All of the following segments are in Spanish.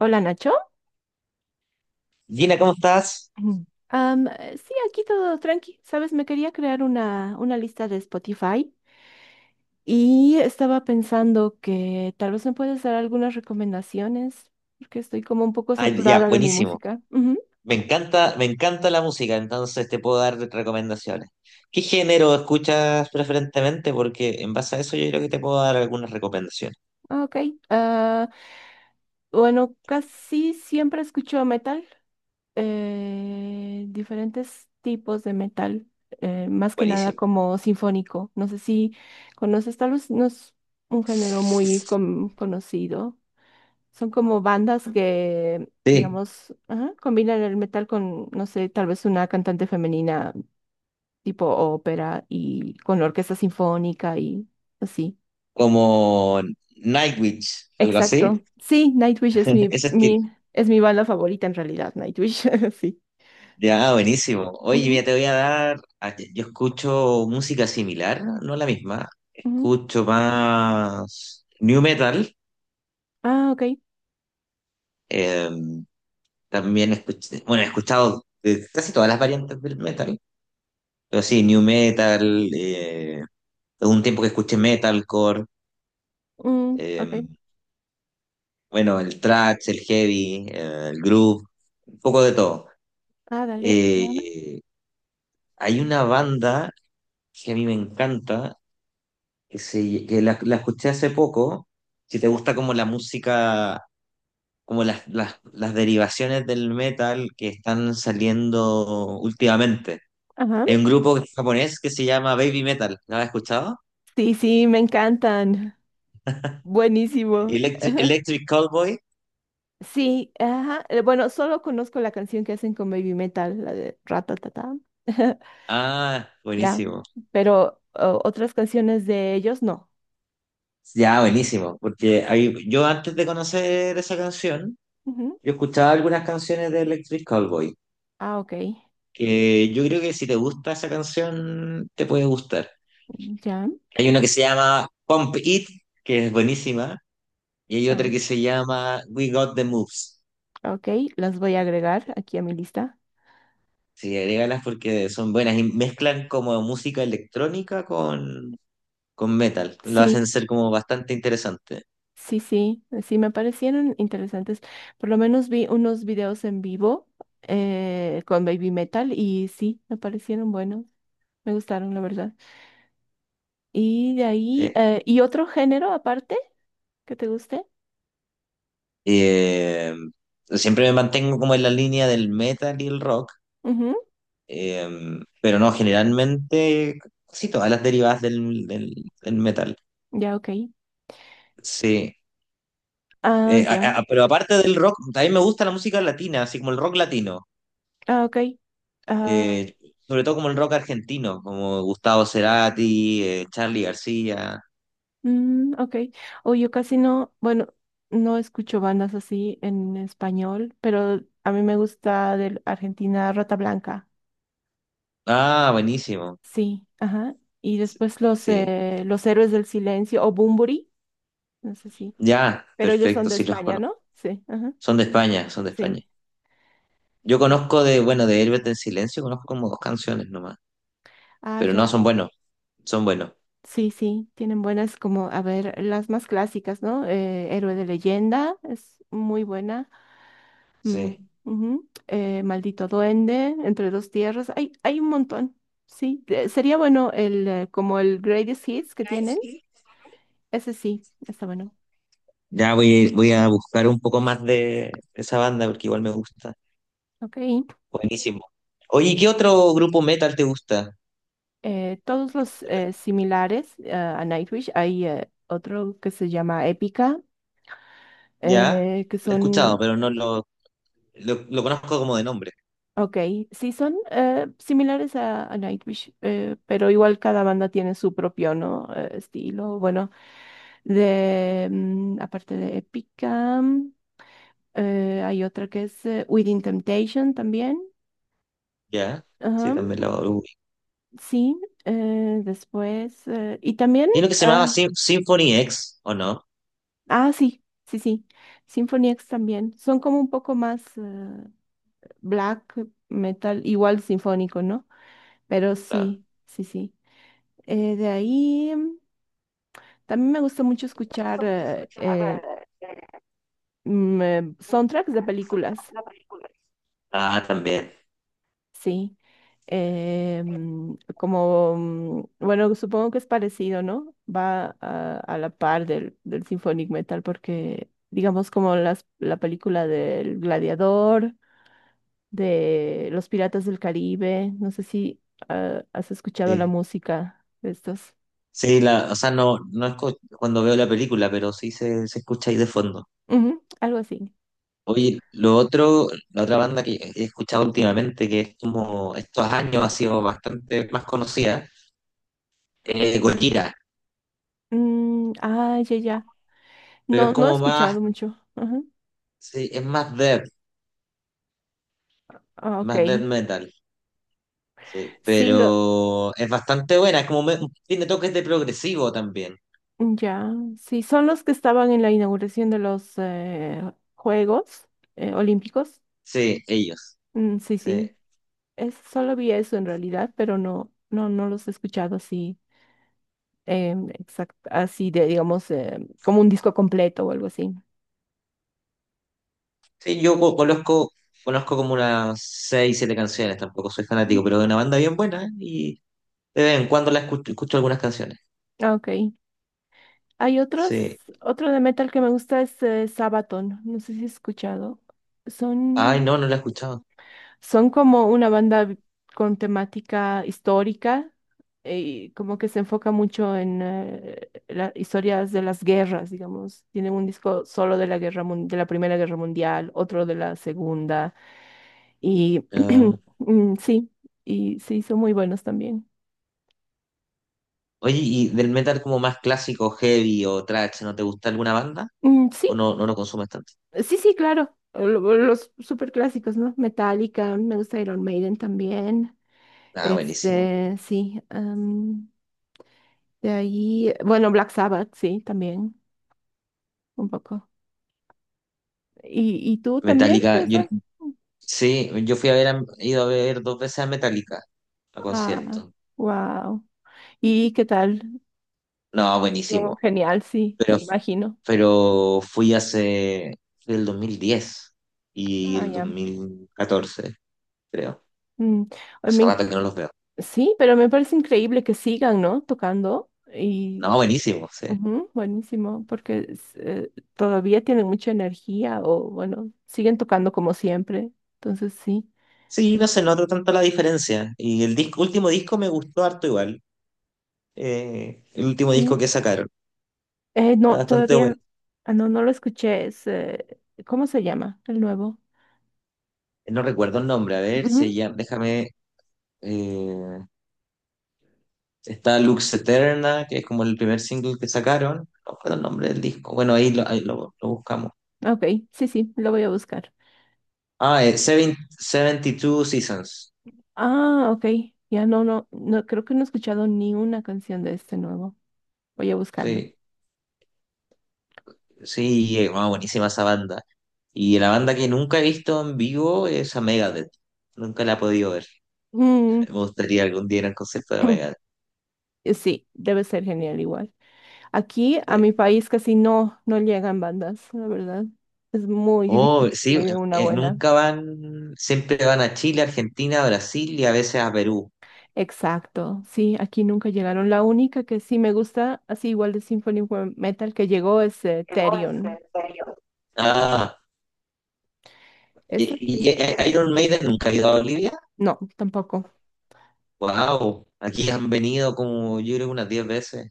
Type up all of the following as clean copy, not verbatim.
Hola Nacho. Gina, ¿cómo estás? Mm. Sí, aquí todo tranqui. Sabes, me quería crear una lista de Spotify y estaba pensando que tal vez me puedes dar algunas recomendaciones porque estoy como un poco Ay, ya, saturada de mi buenísimo. música. Ujú. Me encanta la música, entonces te puedo dar recomendaciones. ¿Qué género escuchas preferentemente? Porque en base a eso yo creo que te puedo dar algunas recomendaciones. Ah, ok. Ah, bueno, casi siempre escucho metal, diferentes tipos de metal, más que nada Buenísimo. como sinfónico. No sé si conoces, tal vez no es un género muy conocido. Son como bandas que, Sí, digamos, ajá, combinan el metal con, no sé, tal vez una cantante femenina tipo ópera y con la orquesta sinfónica y así. como Nightwish, algo así. Exacto. Sí, Nightwish es Ese estilo. Es mi banda favorita en realidad, Nightwish, sí. Ya, buenísimo. Oye, mira, Ujú, te voy a dar. Yo escucho música similar, no la misma. ujú. Escucho más new metal. Ah, ok. em, También escuché, bueno, he escuchado casi todas las variantes del metal, pero sí, new metal, hubo un tiempo que escuché metalcore, Mm, ok. eh, bueno, el thrash, el heavy, el groove, un poco de todo. Ah, dale. Eh, Hay una banda que a mí me encanta, que la escuché hace poco, si te gusta como la música, como las derivaciones del metal que están saliendo últimamente. Ajá. Hay un grupo que es japonés que se llama Baby Metal. ¿Lo has escuchado? Sí, sí, me encantan. Buenísimo. Electric Cowboy. Sí, ajá. Bueno, solo conozco la canción que hacen con Baby Metal, la de Ratatata. Ah, Ya, buenísimo. pero otras canciones de ellos no. Ya, buenísimo. Porque yo antes de conocer esa canción, Ujú. yo escuchaba algunas canciones de Electric Cowboy. Ah, ok. Que yo creo que si te gusta esa canción, te puede gustar. Ya. Hay una que se llama Pump It, que es buenísima. Y hay Ah, otra que se llama We Got the Moves. ok, las voy a agregar aquí a mi lista. Sí, agrégalas porque son buenas y mezclan como música electrónica con metal. Lo hacen Sí, ser como bastante interesante. sí, sí, sí, me parecieron interesantes. Por lo menos vi unos videos en vivo, con Baby Metal y sí, me parecieron buenos. Me gustaron, la verdad. Y de ahí, ¿Sí? ¿Y otro género aparte que te guste? Eh, Siempre me mantengo como en la línea del metal y el rock, Ujú. eh, pero no, generalmente sí, todas las derivadas del metal. Ya, ok. Sí. Ah, ya. Pero aparte del rock, también me gusta la música latina, así como el rock latino. Ah, ok. Ah, Eh, sobre todo como el rock argentino, como Gustavo Cerati, Charly García. mm, ok. O yo casi no, bueno, no escucho bandas así en español, pero a mí me gusta de Argentina Rata Blanca. Ah, buenísimo. Sí, ajá. Y después Sí. Los Héroes del Silencio o Bunbury, no sé si. Ya, Pero ellos son perfecto, de sí los España, conozco. ¿no? Sí, ajá. Son de España, son de España. Sí. Yo conozco de, bueno, de Héroes del Silencio, conozco como 2 canciones nomás, Ah, pero ya. no, son buenos, Sí, sí. Tienen buenas como, a ver, las más clásicas, ¿no? Héroe de Leyenda es muy buena. Mm, sí. ujú. Maldito Duende, Entre Dos Tierras. Hay un montón. Sí, sería bueno el, como el Greatest Hits que tienen. Sí. Ese sí, está bueno. Ya voy a buscar un poco más de esa banda porque igual me gusta. Ok. Buenísimo. Oye, ¿qué otro grupo metal te gusta? Todos los similares a Nightwish. Hay otro que se llama Épica, Ya, que lo he escuchado, son. pero no lo conozco como de nombre. Ok, sí, son similares a Nightwish, pero igual cada banda tiene su propio, ¿no? Estilo. Bueno, de, aparte de Épica. Hay otra que es Within Temptation también. Ya, sí, Ajá, también lo ubico. sí. Después. Y también. Hay uno que se ah, llamaba Symphony X, ¿o no? ah, sí, sí, sí. Symphony X también. Son como un poco más black metal, igual sinfónico, ¿no? Pero Ah, sí, sí, sí. De ahí. También me gusta mucho escuchar soundtracks de películas. ah, también. Sí, como, bueno, supongo que es parecido, ¿no? Va a la par del, del symphonic metal porque, digamos, como las, la película del Gladiador, de Los Piratas del Caribe, no sé si has escuchado la Sí, música de estos. sí la, o sea, no, no es cuando veo la película, pero sí se escucha ahí de fondo. Ujú, algo así. Oye, lo otro, la otra banda que he escuchado últimamente, que es como estos años ha sido bastante más conocida, es Gojira, Mm, ah, ya, ya. pero es No, no he como más, escuchado mucho. Ajá. sí, es Ah, ok. más death metal, sí, Sí, pero es bastante buena, es como, tiene toques de progresivo también, ya, sí, son los que estaban en la inauguración de los Juegos Olímpicos. sí, ellos, Mm, sí, sí. sí, es, solo vi eso en realidad, pero no, no, no los he escuchado así, así de, digamos, como un disco completo o algo así. Sí, conozco, conozco como unas seis, siete canciones, tampoco soy Mm. fanático, pero es una banda bien buena y de vez en cuando la escucho, escucho algunas canciones, Ah, ok, hay otros, sí. otro de metal que me gusta es Sabaton, no sé si has escuchado. Ay, Son no, no la he escuchado. Son como una banda con temática histórica y como que se enfoca mucho en las historias de las guerras, digamos. Tienen un disco solo de la guerra de la Primera Guerra Mundial, otro de la Segunda y Ah. mm, sí, y sí, son muy buenos también. Oye, ¿y del metal como más clásico, heavy o thrash, no te gusta alguna banda? Mm, sí, ¿O no, no lo consumes tanto? sí, sí, claro. Los super clásicos, ¿no? Metallica, me gusta Iron Maiden también. Ah, buenísimo. Este, sí. De ahí, bueno, Black Sabbath, sí, también, un poco. Y tú también? O Metallica, yo, sea, sí, yo fui a ver, he ido a ver dos veces a Metallica a ah, concierto. wow. ¿Y qué tal? No, No, buenísimo. genial, sí, Pero, me imagino. pero fui hace, fui el 2010 y Ah, el ya. 2014, creo. Mm, ay, me Hace inc- rato que no los veo. sí, pero me parece increíble que sigan, ¿no? Tocando. Y No, buenísimo, sí. ujú, buenísimo, porque es, todavía tienen mucha energía o, bueno, siguen tocando como siempre. Entonces, sí. Sí, no se nota tanto la diferencia. Y el disco, último disco me gustó harto igual. El último disco que sacaron. Eh, Está no, bastante bueno. todavía, no, no lo escuché. Es, ¿cómo se llama? El nuevo. No recuerdo el nombre, a ver, se Ujú. llama, déjame, eh, está Lux Eterna, que es como el primer single que sacaron, no recuerdo el nombre del disco, bueno, ahí lo buscamos. Ok, sí, sí, lo voy a buscar. Ah, 72 Seasons, Ah, ok. Ya no, no, no, creo que no he escuchado ni una canción de este nuevo. Voy a buscarlo. sí, sí, wow, buenísima esa banda. Y la banda que nunca he visto en vivo es a Megadeth, nunca la he podido ver, Mm, me gustaría algún día ir al concierto de Megadeth. Sí, debe ser genial igual. Aquí a Sí. mi país casi no, no llegan bandas, la verdad. Es muy Oh, difícil que sí, llegue una buena. nunca van, siempre van a Chile, Argentina, Brasil y a veces a Perú. Exacto, sí, aquí nunca llegaron. La única que sí me gusta, así igual de Metal que llegó es Therion. Ah, ¿y, Esa y- y- sí. eh, eh, Iron Maiden nunca ha ido a Bolivia? No, tampoco. Wow, aquí han venido como yo creo unas 10 veces.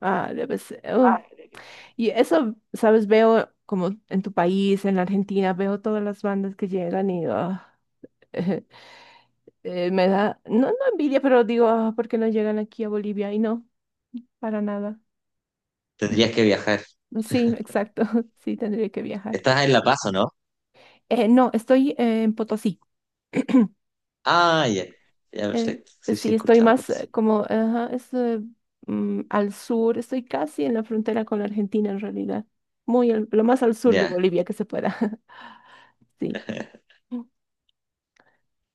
Ah, debe ser. Oh. Y eso, sabes, veo como en tu país, en la Argentina, veo todas las bandas que llegan y ah, me da, no, no envidia, pero digo, ah, ¿por qué no llegan aquí a Bolivia? Y no, para nada. Tendrías que viajar. Sí, exacto, sí, tendría que viajar. Estás en La Paz, ¿o no? No, estoy en Potosí. Ah, ya. Ya, Eh, perfecto. Sí, sí, sí, estoy más escuchamos. como ajá, es, al sur, estoy casi en la frontera con la Argentina en realidad, muy lo más al sur de Ya, Bolivia que se pueda. Sí.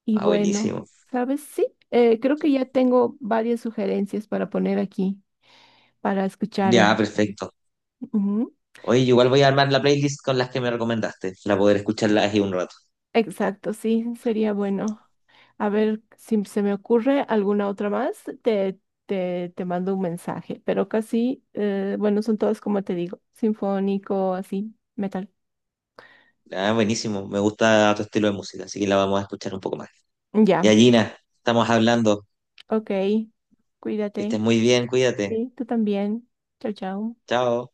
Y ah, bueno, buenísimo. ¿sabes? Sí, creo que ya tengo varias sugerencias para poner aquí, para escuchar en Ya, mi feed. perfecto. Ujú. Oye, igual voy a armar la playlist con las que me recomendaste, para poder escucharlas aquí un rato. Exacto, sí, sería bueno. A ver si se me ocurre alguna otra más, te mando un mensaje, pero casi, bueno, son todas como te digo, sinfónico, así, metal. Ah, buenísimo. Me gusta tu estilo de música, así que la vamos a escuchar un poco más. Ya, Y Gina, estamos hablando. ok, Que cuídate. estés muy bien, cuídate. Sí, tú también. Chao, chao. Chao.